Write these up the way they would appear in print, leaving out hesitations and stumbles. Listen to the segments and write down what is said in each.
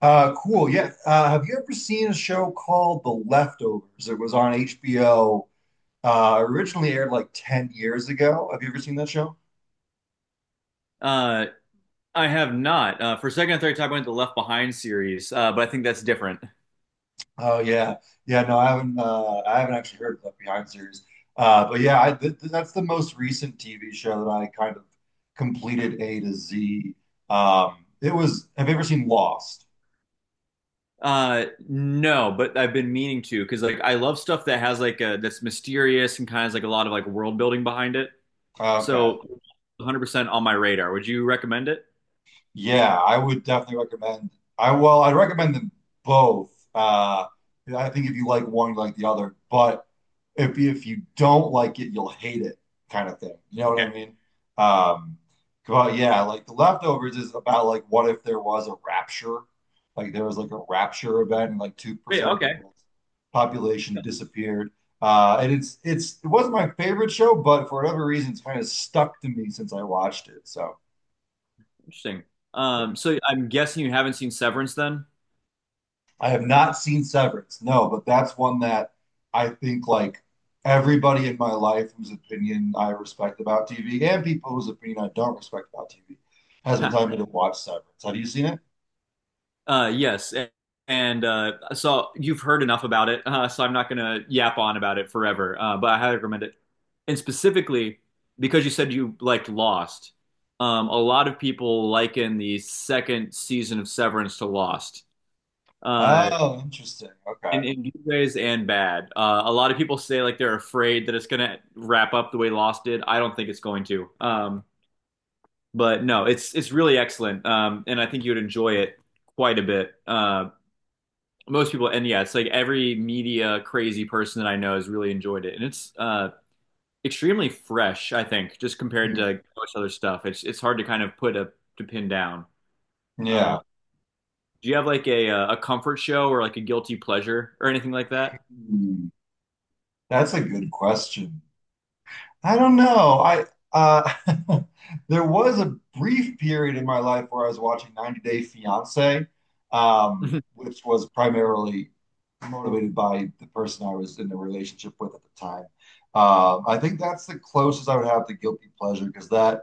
Cool. Yeah. Have you ever seen a show called The Leftovers? It was on HBO. Originally aired like 10 years ago. Have you ever seen that show? Uh, I have not. For second and third time, I went to the Left Behind series, but I think that's different. Oh yeah. Yeah, no, I haven't actually heard of Left Behind series. But yeah, that's the most recent TV show that I kind of completed A to Z. It was, have you ever seen Lost? No, but I've been meaning to because like I love stuff that has like a that's mysterious and kind of has, like a lot of like world building behind it. Okay. So, 100% on my radar. Would you recommend it? Yeah, I would definitely recommend, I well, I'd recommend them both. I think if you like one, you like the other. But if you don't like it, you'll hate it, kind of thing. You know what I Okay. mean? Um, but yeah, like the leftovers is about like what if there was a rapture, like there was like a rapture event, and like two Wait, percent of the okay, world's population disappeared. And it's it wasn't my favorite show, but for whatever reason, it's kind of stuck to me since I watched it. So interesting. yeah. So I'm guessing you haven't seen Severance then? I have not seen Severance, no, but that's one that I think like everybody in my life whose opinion I respect about TV and people whose opinion I don't respect about TV has been telling me to watch Severance. Have you seen it? Yes, and so you've heard enough about it, so I'm not gonna yap on about it forever. But I highly recommend it, and specifically because you said you liked Lost. A lot of people liken the second season of Severance to Lost, uh, Oh, interesting. Okay. in good ways and bad. A lot of people say like they're afraid that it's gonna wrap up the way Lost did. I don't think it's going to. But no, it's really excellent, and I think you'd enjoy it quite a bit. Most people, and yeah, it's like every media crazy person that I know has really enjoyed it, and it's extremely fresh, I think, just compared Hmm. to most other stuff. It's hard to kind of put a to pin down. uh Yeah. do you have like a comfort show or like a guilty pleasure or anything like that? Hmm. That's a good question. I don't know. I uh, there was a brief period in my life where I was watching 90 Day Fiancé, which was primarily motivated by the person I was in a relationship with at the time. I think that's the closest I would have to guilty pleasure because that,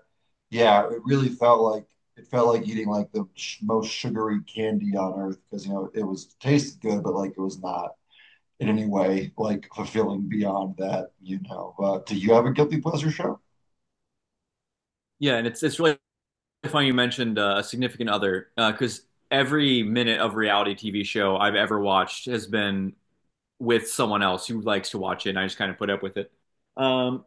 yeah, it really felt like, it felt like eating like the sh most sugary candy on earth because you know it was tasted good, but like it was not in any way like fulfilling beyond that, you know. Do you have a guilty pleasure show? Yeah, and it's really funny you mentioned a significant other, because every minute of reality TV show I've ever watched has been with someone else who likes to watch it, and I just kind of put up with it. um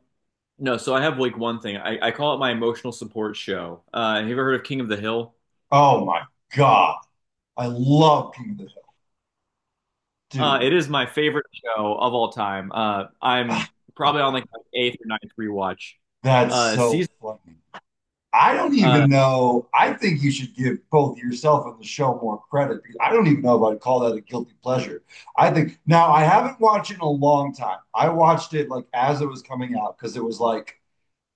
No, so I have like one thing. I call it my emotional support show. Have you ever heard of King of the Hill? Oh my God. I love King of the Hill. Dude, It is my favorite show of all time. I'm probably on like my eighth or ninth rewatch. that's so Season. funny. I don't Uh, even know. I think you should give both yourself and the show more credit. I don't even know if I'd call that a guilty pleasure. I think now I haven't watched it in a long time. I watched it like as it was coming out because it was like,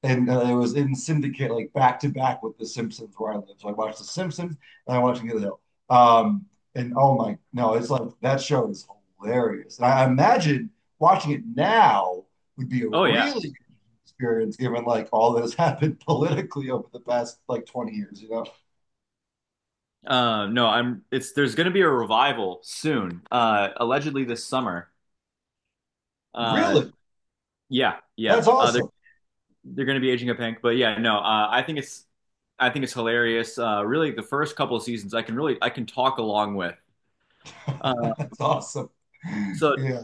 and it was in syndicate like back to back with The Simpsons where I live. So I watched The Simpsons and I watched Get the Hill. Um, and oh my, no, it's like that show is hilarious. And I imagine watching it now would be a oh yeah. really good experience given like all that has happened politically over the past like 20 years, you know? No, I'm. It's there's going to be a revival soon. Allegedly this summer. Uh, Really? yeah, yeah. That's Uh, they're awesome. they're going to be aging a pink, but yeah, no. I think it's hilarious. Really, the first couple of seasons, I can talk along with. Uh, That's awesome. so. Yeah.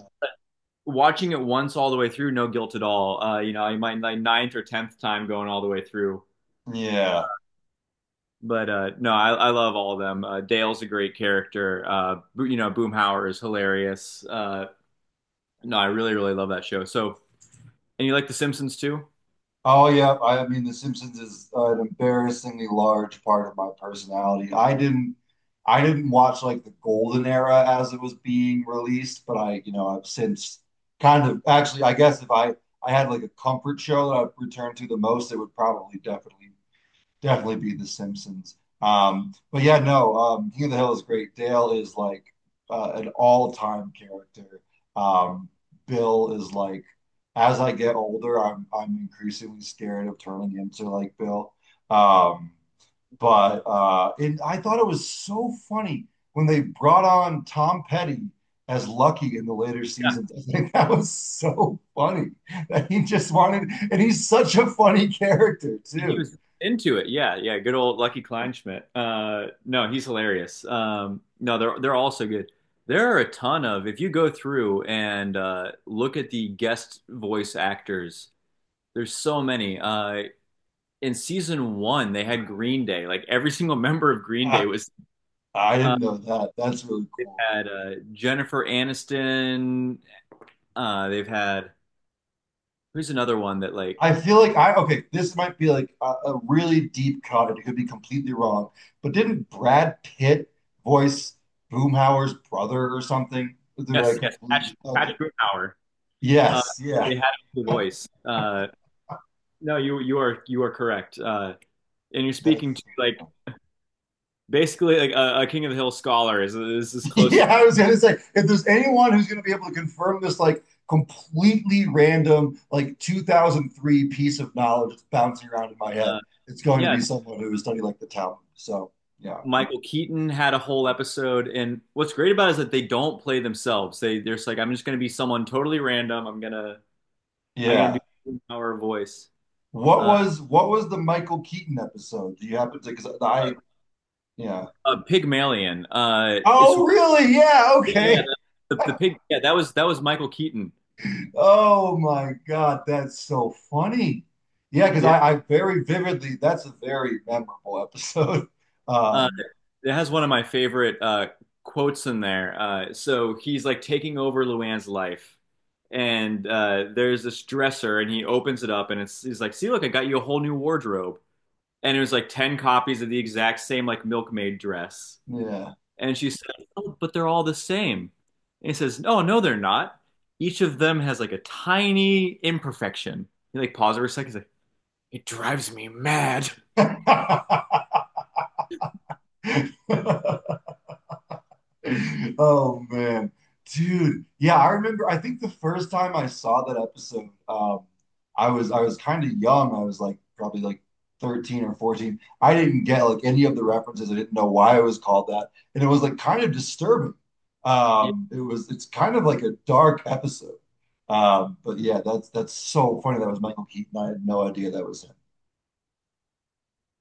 Watching it once all the way through, no guilt at all. I might like ninth or tenth time going all the way through. Yeah. But no, I love all of them. Dale's a great character. Boomhauer is hilarious. No, I really, really love that show. So, and you like The Simpsons too? Oh yeah, I mean, The Simpsons is an embarrassingly large part of my personality. I didn't watch like the golden era as it was being released, but I, you know, I've since kind of, actually I guess if I I had like a comfort show that I've returned to the most, it would probably definitely be The Simpsons. But yeah, no, King of the Hill is great. Dale is like an all-time character. Um, Bill is like, as I get older, I'm increasingly scared of turning into like Bill. Um, but and I thought it was so funny when they brought on Tom Petty as Lucky in the later Yeah, seasons. I think that was so funny that he just wanted, and he's such a funny character and he too. was into it. Yeah, yeah. Good old Lucky Kleinschmidt. No, he's hilarious. No, they're all so good. There are a ton of if you go through and look at the guest voice actors. There's so many. In season one they had Green Day. Like every single member of Green Uh, Day was. I Uh, didn't know that. That's really they've cool. had, Jennifer Aniston. They've had, who's another one that like, I feel like I, okay. This might be like a really deep cut. And it could be completely wrong, but didn't Brad Pitt voice Boomhauer's brother or something? Did I yes, yes, Patch completely? Patch Okay. Grunauer. Uh, Yes. Yeah. it had the voice. No, you are correct. And you're speaking to That's. like basically like a King of the Hill scholar is as close. Yeah, I was gonna say if there's anyone who's gonna be able to confirm this like completely random like 2003 piece of knowledge that's bouncing around in my head, Uh, it's going to yeah, be someone who has studied like the Talmud. So yeah, Michael Keaton had a whole episode, and what's great about it is that they don't play themselves. They're just like, I'm just gonna be someone totally random. I'm yeah. gonna do our voice. Uh, What was the Michael Keaton episode? Do you happen to? Because uh, I, yeah. Pygmalion. It's yeah, Oh really? Yeah. yeah, Okay. the pig. Yeah, that was Michael Keaton. Oh my God, that's so funny. Yeah, because Yeah, I very vividly. That's a very memorable episode. uh, Um, it has one of my favorite quotes in there. So he's like taking over Luann's life, and there's this dresser, and he opens it up, and it's he's like, "See, look, I got you a whole new wardrobe." And it was like 10 copies of the exact same like milkmaid dress. yeah. And she said, "Oh, but they're all the same." And he says, "No, no, they're not. Each of them has like a tiny imperfection." He like pauses for a second. He's like, Oh man, dude. Yeah, I remember. I think the first time I saw that episode, I was, I was kind of young. I was like probably like 13 or 14. I didn't get like any of the references. I didn't know why it was called that, and it was like kind of disturbing. "Yeah." It was, it's kind of like a dark episode. But yeah, that's so funny. That was Michael Keaton. I had no idea that was him.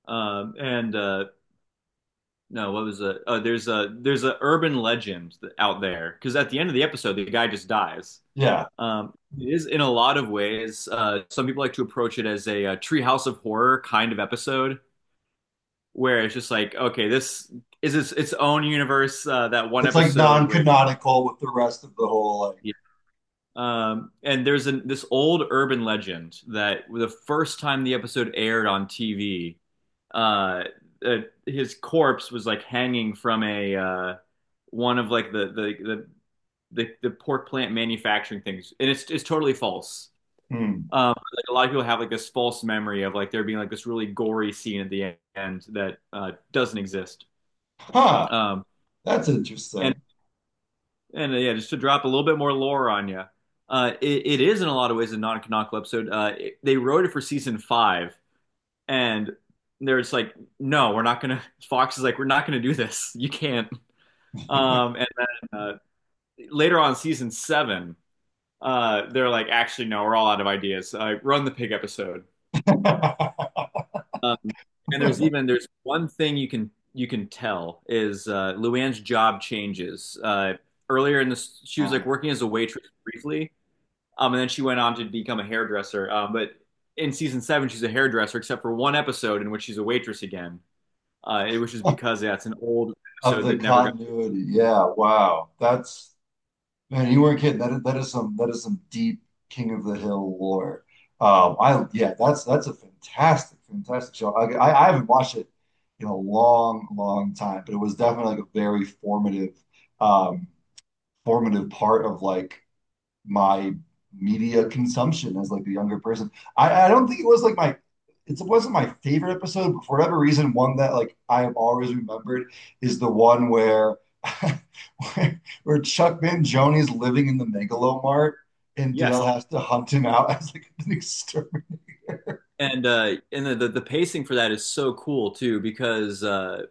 And No, what was it? Oh, there's a urban legend out there because at the end of the episode, the guy just dies. Yeah, It is in a lot of ways. Some people like to approach it as a treehouse of horror kind of episode where it's just like, okay, this is its own universe. That one it's like episode where, non-canonical with the rest of the whole like. yeah. And this old urban legend that the first time the episode aired on TV, uh, uh, his corpse was like hanging from a one of like the pork plant manufacturing things, and it's totally false. Hmm. Like a lot of people have like this false memory of like there being like this really gory scene at the end that doesn't exist. Huh. Um, That's and interesting. and Yeah, just to drop a little bit more lore on you, it is in a lot of ways a non-canonical episode. They wrote it for season five, and they're just like, no, we're not gonna. Fox is like, we're not gonna do this. You can't. And then later on, season seven, they're like, actually, no, we're all out of ideas. Run the pig episode. Um, and there's one thing you can tell is Luann's job changes. Earlier in this, she was like working as a waitress briefly. And then she went on to become a hairdresser. But in season seven, she's a hairdresser, except for one episode in which she's a waitress again, which is because that's an old of episode the that never got. continuity. Yeah, wow. That's, man, you weren't kidding. That is some, that is some deep King of the Hill lore. I, yeah, that's a fantastic, fantastic show. I haven't watched it in a long, long time, but it was definitely like a very formative, um, formative part of like my media consumption as like the younger person. I don't think it was like my, it wasn't my favorite episode, but for whatever reason, one that like I have always remembered is the one where where Chuck Mangione is living in the Megalo Mart and Yes, Dale has to hunt him out as like an exterminator. and the pacing for that is so cool too because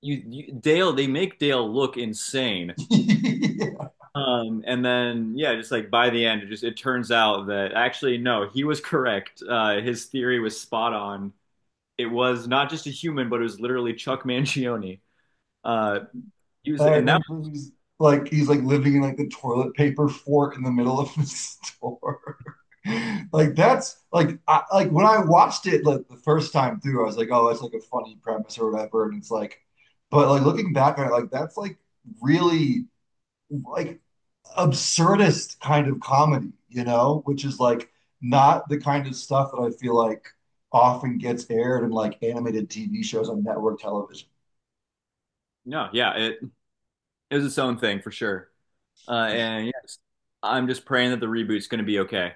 you, you Dale they make Dale look insane. yeah. And then yeah, just like by the end, it turns out that actually no, he was correct. His theory was spot on. It was not just a human, but it was literally Chuck Mangione. Uh, he was, I and that. remember he's like living in like the toilet paper fort in the middle of the store. like that's like like when I watched it like the first time through, I was like, oh, that's like a funny premise or whatever, and it's like, but like looking back on it, like that's like really like absurdist kind of comedy, you know, which is like not the kind of stuff that I feel like often gets aired in like animated TV shows on network television. No, yeah, it was its own thing for sure. And yes, I'm just praying that the reboot's going to be okay.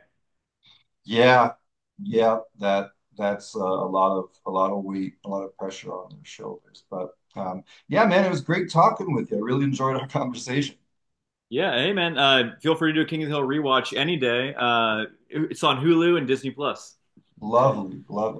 Yeah, yeah, that that's a lot of, a lot of weight, a lot of pressure on their shoulders. But yeah, man, it was great talking with you. I really enjoyed our conversation. Yeah, hey man, feel free to do a King of the Hill rewatch any day. It's on Hulu and Disney Plus. Lovely, lovely.